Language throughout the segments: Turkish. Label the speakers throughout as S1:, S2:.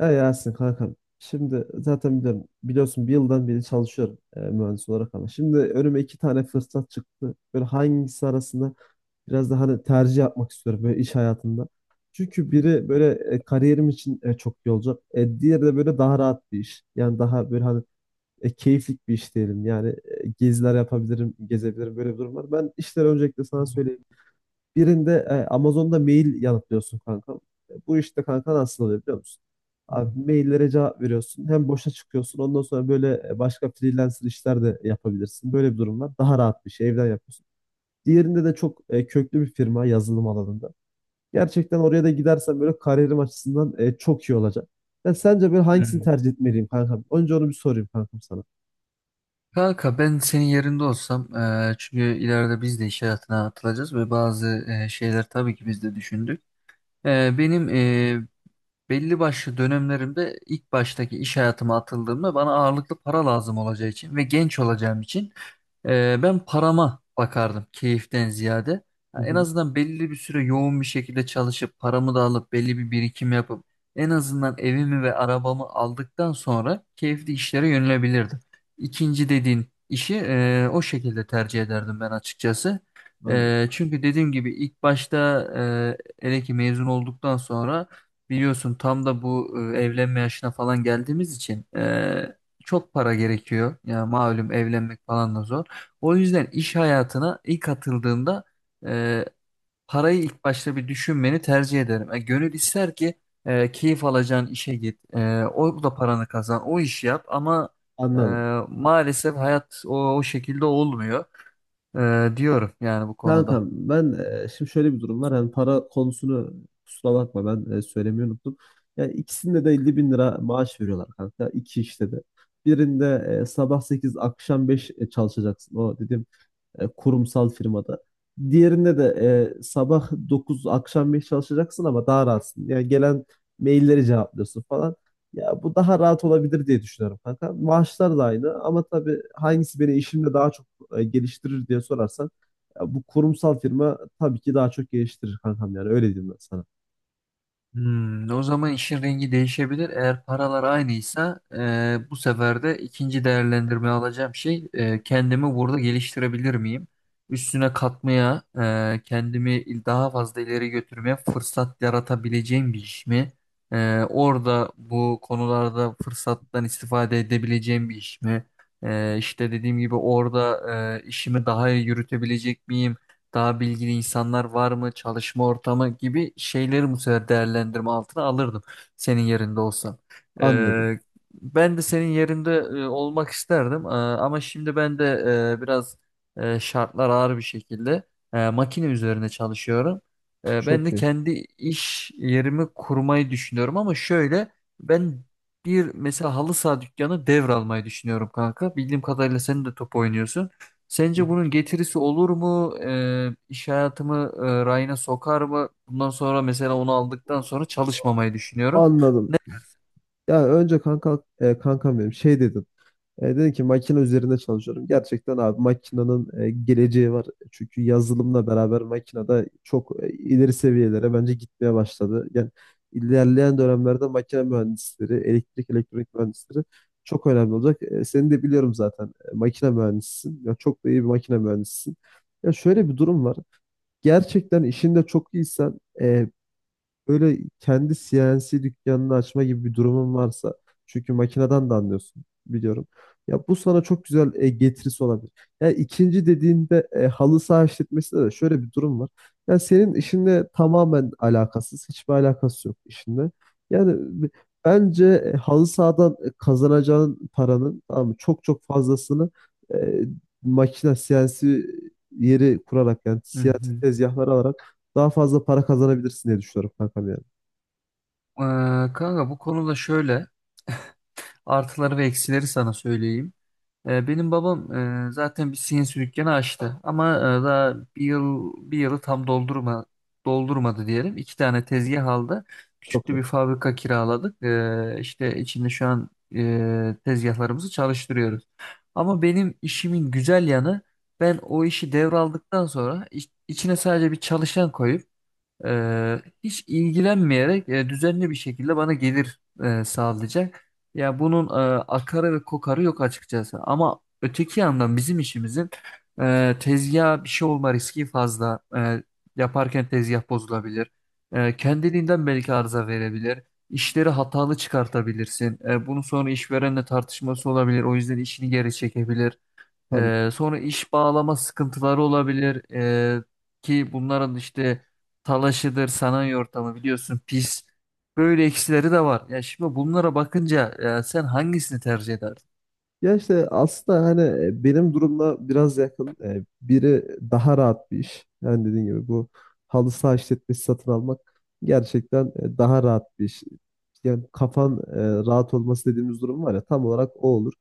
S1: Ya Yasin kankam. Şimdi zaten biliyorum, biliyorsun bir yıldan beri çalışıyorum mühendis olarak ama. Şimdi önüme iki tane fırsat çıktı. Böyle hangisi arasında biraz daha hani tercih yapmak istiyorum böyle iş hayatında. Çünkü
S2: Hmm.
S1: biri böyle kariyerim için çok iyi olacak. Diğeri de böyle daha rahat bir iş. Yani daha böyle hani keyiflik bir iş diyelim. Yani, geziler yapabilirim, gezebilirim, böyle bir durum var. Ben işleri öncelikle sana söyleyeyim. Birinde Amazon'da mail yanıtlıyorsun kanka. Bu işte kanka nasıl oluyor biliyor musun? Abi maillere cevap veriyorsun. Hem boşa çıkıyorsun. Ondan sonra böyle başka freelancer işler de yapabilirsin. Böyle bir durum var. Daha rahat bir şey. Evden yapıyorsun. Diğerinde de çok köklü bir firma yazılım alanında. Gerçekten oraya da gidersen böyle kariyerim açısından çok iyi olacak. Ben sence böyle hangisini tercih etmeliyim kankam? Önce onu bir sorayım kankam sana.
S2: Kanka ben senin yerinde olsam çünkü ileride biz de iş hayatına atılacağız ve bazı şeyler tabii ki biz de düşündük. Benim belli başlı dönemlerimde ilk baştaki iş hayatıma atıldığımda bana ağırlıklı para lazım olacağı için ve genç olacağım için ben parama bakardım keyiften ziyade. Ya
S1: Hı
S2: en
S1: hı.
S2: azından belli bir süre yoğun bir şekilde çalışıp paramı da alıp belli bir birikim yapıp en azından evimi ve arabamı aldıktan sonra keyifli işlere yönelebilirdim. İkinci dediğin işi o şekilde tercih ederdim ben açıkçası.
S1: Anladım.
S2: Çünkü dediğim gibi ilk başta hele ki mezun olduktan sonra biliyorsun tam da bu evlenme yaşına falan geldiğimiz için, çok para gerekiyor. Ya malum evlenmek falan da zor. O yüzden iş hayatına ilk atıldığında e, parayı ilk başta bir düşünmeni tercih ederim. Gönül ister ki keyif alacağın işe git. E, o da paranı kazan. O işi yap ama e,
S1: Anladım.
S2: maalesef hayat o şekilde olmuyor diyorum yani bu konuda.
S1: Kankam ben, şimdi şöyle bir durum var. Hani para konusunu kusura bakma, ben söylemeyi unuttum. Yani ikisinde de 50 bin lira maaş veriyorlar kanka. İki işte de. Birinde sabah 8, akşam 5 çalışacaksın. O dedim, kurumsal firmada. Diğerinde de sabah 9 akşam 5 çalışacaksın ama daha rahatsın. Yani gelen mailleri cevaplıyorsun falan. Ya bu daha rahat olabilir diye düşünüyorum kanka. Maaşlar da aynı ama tabii hangisi beni işimde daha çok geliştirir diye sorarsan, ya bu kurumsal firma tabii ki daha çok geliştirir kankam, yani öyle diyeyim ben sana.
S2: Hmm, o zaman işin rengi değişebilir. Eğer paralar aynıysa bu sefer de ikinci değerlendirme alacağım şey, kendimi burada geliştirebilir miyim? Üstüne katmaya, kendimi daha fazla ileri götürmeye fırsat yaratabileceğim bir iş mi? Orada bu konularda fırsattan istifade edebileceğim bir iş mi? İşte dediğim gibi orada işimi daha iyi yürütebilecek miyim? Daha bilgili insanlar var mı, çalışma ortamı gibi şeyleri bu sefer değerlendirme altına alırdım senin yerinde olsam.
S1: Anladım.
S2: Ee, Ben de senin yerinde olmak isterdim. Ama şimdi ben de biraz, şartlar ağır bir şekilde makine üzerine çalışıyorum. Ben
S1: Çok
S2: de
S1: iyi.
S2: kendi iş yerimi kurmayı düşünüyorum ama şöyle, ben bir mesela halı saha dükkanı devralmayı düşünüyorum kanka. Bildiğim kadarıyla sen de top oynuyorsun.
S1: Hı hı.
S2: Sence bunun getirisi olur mu? İş hayatımı rayına sokar mı? Bundan sonra mesela onu aldıktan sonra çalışmamayı düşünüyorum.
S1: Anladım.
S2: Ne-
S1: Ya önce kanka, kankam benim şey dedi. Dedim ki makine üzerinde çalışıyorum. Gerçekten abi makinenin geleceği var. Çünkü yazılımla beraber makine de çok ileri seviyelere bence gitmeye başladı. Yani ilerleyen dönemlerde makine mühendisleri, elektrik elektronik mühendisleri çok önemli olacak. Seni de biliyorum zaten, makine mühendisisin. Ya çok da iyi bir makine mühendisisin. Ya şöyle bir durum var. Gerçekten işinde çok iyisen, böyle kendi CNC dükkanını açma gibi bir durumun varsa, çünkü makineden de anlıyorsun biliyorum. Ya bu sana çok güzel getirisi olabilir. Ya ikinci dediğinde halı saha işletmesinde de şöyle bir durum var. Ya senin işinle tamamen alakasız, hiçbir alakası yok işinle. Yani b- bence halı sahadan kazanacağın paranın, tamam mı, çok çok fazlasını e, makine CNC yeri kurarak, yani
S2: Hı
S1: CNC
S2: hı.
S1: tezgahları alarak daha fazla para kazanabilirsin diye düşünüyorum kankam yani.
S2: Kanka bu konuda şöyle artıları ve eksileri sana söyleyeyim. Benim babam zaten bir CNC dükkanı açtı ama daha bir yıl, bir yılı tam doldurmadı diyelim. İki tane tezgah aldı. Küçük
S1: Çok
S2: de
S1: net.
S2: bir fabrika kiraladık. İşte içinde şu an tezgahlarımızı çalıştırıyoruz. Ama benim işimin güzel yanı, ben o işi devraldıktan sonra içine sadece bir çalışan koyup hiç ilgilenmeyerek düzenli bir şekilde bana gelir sağlayacak. Ya bunun akarı ve kokarı yok açıkçası. Ama öteki yandan bizim işimizin tezgaha bir şey olma riski fazla. Yaparken tezgah bozulabilir. Kendiliğinden belki arıza verebilir. İşleri hatalı çıkartabilirsin. Bunun sonra işverenle tartışması olabilir. O yüzden işini geri çekebilir.
S1: Tabii ki.
S2: Sonra iş bağlama sıkıntıları olabilir. Ki bunların işte talaşıdır, sanayi ortamı biliyorsun pis. Böyle eksileri de var. Ya şimdi bunlara bakınca ya sen hangisini tercih ederdin?
S1: Ya işte aslında hani benim durumla biraz yakın. Biri daha rahat bir iş. Yani dediğim gibi bu halı saha işletmesi satın almak gerçekten daha rahat bir iş. Yani kafan rahat olması dediğimiz durum var ya, tam olarak o olur.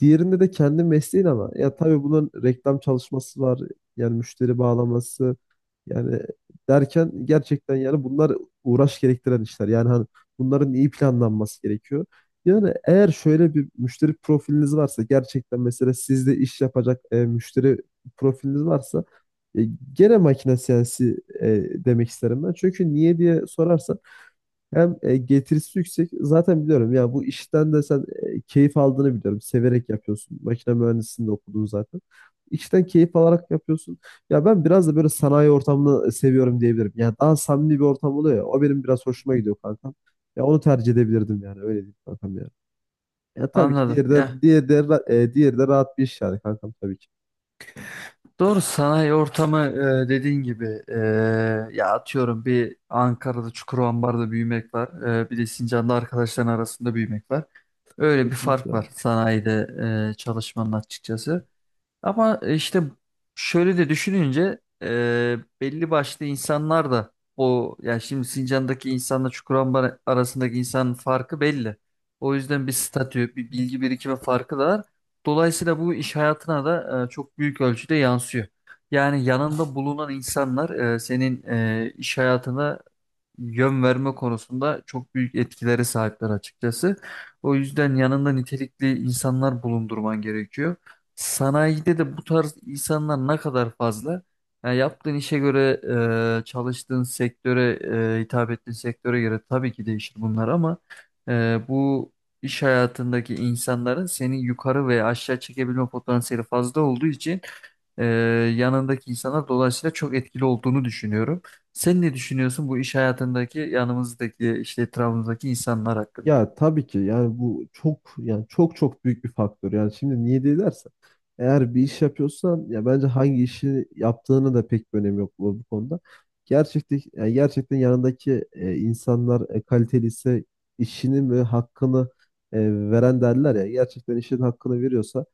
S1: Diğerinde de kendi mesleğin ama ya tabii bunun reklam çalışması var. Yani müşteri bağlaması, yani derken gerçekten yani bunlar uğraş gerektiren işler. Yani hani bunların iyi planlanması gerekiyor. Yani eğer şöyle bir müşteri profiliniz varsa, gerçekten mesela sizde iş yapacak müşteri profiliniz varsa, e, gene makine siyasi e, demek isterim ben. Çünkü niye diye sorarsan, hem getirisi yüksek. Zaten biliyorum ya bu işten de sen keyif aldığını biliyorum. Severek yapıyorsun. Makine mühendisliğinde de okudun zaten. İşten keyif alarak yapıyorsun. Ya ben biraz da böyle sanayi ortamını seviyorum diyebilirim. Yani daha samimi bir ortam oluyor ya. O benim biraz hoşuma gidiyor kankam. Ya onu tercih edebilirdim yani. Öyle diyeyim kankam yani. Ya tabii ki
S2: Anladım.
S1: diğeri
S2: Ya
S1: de, diğeri de rahat bir iş yani kankam, tabii ki.
S2: doğru, sanayi ortamı dediğin gibi, ya atıyorum bir Ankara'da Çukurova'da büyümek var. E, bir de Sincan'da arkadaşların arasında büyümek var. Öyle bir
S1: Kesinlikle.
S2: fark var sanayide çalışmanın açıkçası. Ama işte şöyle de düşününce belli başlı insanlar da o, yani şimdi Sincan'daki insanla Çukurambar arasındaki insanın farkı belli. O yüzden bir statü, bir bilgi birikimi farkı da var. Dolayısıyla bu iş hayatına da çok büyük ölçüde yansıyor. Yani yanında bulunan insanlar, senin iş hayatına yön verme konusunda çok büyük etkilere sahipler açıkçası. O yüzden yanında nitelikli insanlar bulundurman gerekiyor. Sanayide de bu tarz insanlar ne kadar fazla? Yani yaptığın işe göre, çalıştığın sektöre, hitap ettiğin sektöre göre tabii ki değişir bunlar ama bu iş hayatındaki insanların seni yukarı veya aşağı çekebilme potansiyeli fazla olduğu için e, yanındaki insanlar dolayısıyla çok etkili olduğunu düşünüyorum. Sen ne düşünüyorsun bu iş hayatındaki yanımızdaki, işte etrafımızdaki insanlar hakkında?
S1: Ya tabii ki yani bu çok, yani çok çok büyük bir faktör. Yani şimdi niye diye dersen, eğer bir iş yapıyorsan ya bence hangi işi yaptığını da pek bir önemi yok bu konuda. Gerçekten yani gerçekten yanındaki insanlar kaliteli ise, işinin ve hakkını e, veren derler ya, gerçekten işin hakkını veriyorsa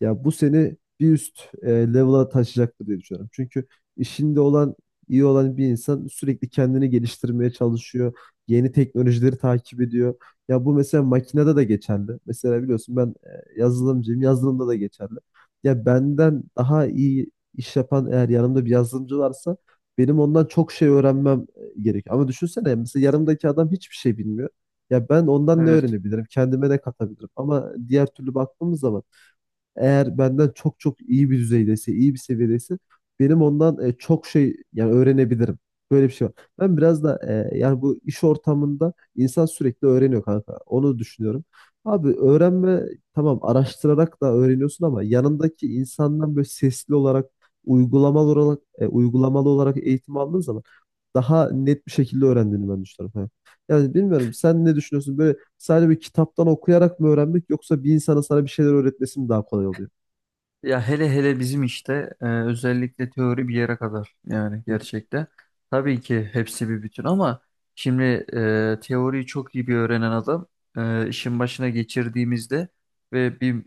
S1: ya bu seni bir üst level'a taşıyacaktır diye düşünüyorum. Çünkü işinde olan, iyi olan bir insan sürekli kendini geliştirmeye çalışıyor. Yeni teknolojileri takip ediyor. Ya bu mesela makinede de geçerli. Mesela biliyorsun ben yazılımcıyım. Yazılımda da geçerli. Ya benden daha iyi iş yapan, eğer yanımda bir yazılımcı varsa, benim ondan çok şey öğrenmem gerekiyor. Ama düşünsene, mesela yanımdaki adam hiçbir şey bilmiyor. Ya ben ondan ne
S2: Evet.
S1: öğrenebilirim? Kendime ne katabilirim? Ama diğer türlü baktığımız zaman, eğer benden çok çok iyi bir düzeydeyse, iyi bir seviyedeyse, benim ondan çok şey yani öğrenebilirim. Böyle bir şey var. Ben biraz da yani bu iş ortamında insan sürekli öğreniyor kanka. Onu düşünüyorum. Abi öğrenme, tamam, araştırarak da öğreniyorsun ama yanındaki insandan böyle sesli olarak, uygulamalı olarak eğitim aldığın zaman daha net bir şekilde öğrendiğini ben düşünüyorum. Yani bilmiyorum, sen ne düşünüyorsun? Böyle sadece bir kitaptan okuyarak mı öğrenmek, yoksa bir insana sana bir şeyler öğretmesi mi daha kolay oluyor?
S2: Ya hele hele bizim işte özellikle teori bir yere kadar yani
S1: Hı hı.
S2: gerçekten. Tabii ki hepsi bir bütün ama şimdi teoriyi çok iyi bir öğrenen adam işin başına geçirdiğimizde ve bir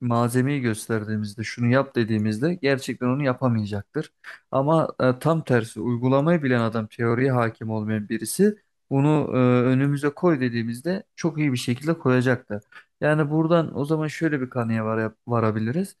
S2: malzemeyi gösterdiğimizde şunu yap dediğimizde gerçekten onu yapamayacaktır. Ama tam tersi uygulamayı bilen adam, teoriye hakim olmayan birisi, bunu e, önümüze koy dediğimizde çok iyi bir şekilde koyacaktır. Yani buradan o zaman şöyle bir kanıya varabiliriz.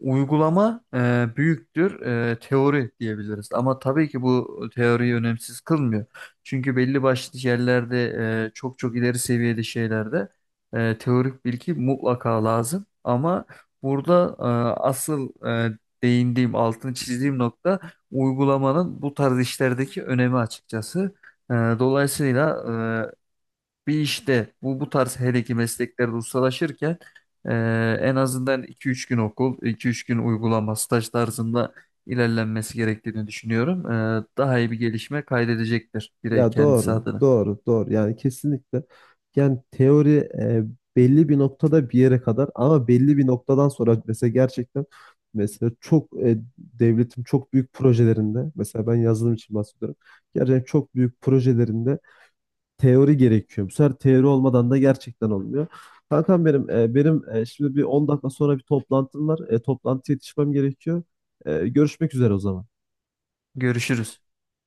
S2: Uygulama büyüktür teori diyebiliriz. Ama tabii ki bu teoriyi önemsiz kılmıyor. Çünkü belli başlı yerlerde çok çok ileri seviyede şeylerde teorik bilgi mutlaka lazım. Ama burada asıl değindiğim, altını çizdiğim nokta, uygulamanın bu tarz işlerdeki önemi açıkçası. Dolayısıyla bir işte bu tarz, hele ki mesleklerde ustalaşırken e, en azından 2-3 gün okul, 2-3 gün uygulama, staj tarzında ilerlenmesi gerektiğini düşünüyorum. E, daha iyi bir gelişme kaydedecektir birey
S1: Ya
S2: kendisi
S1: doğru,
S2: adına.
S1: doğru, doğru. Yani kesinlikle. Yani teori belli bir noktada bir yere kadar, ama belli bir noktadan sonra mesela gerçekten, mesela çok devletin çok büyük projelerinde, mesela ben yazılım için bahsediyorum. Gerçekten çok büyük projelerinde teori gerekiyor. Bu sefer teori olmadan da gerçekten olmuyor. Kankam benim, benim şimdi bir 10 dakika sonra bir toplantım var. Toplantıya yetişmem gerekiyor. Görüşmek üzere o zaman.
S2: Görüşürüz.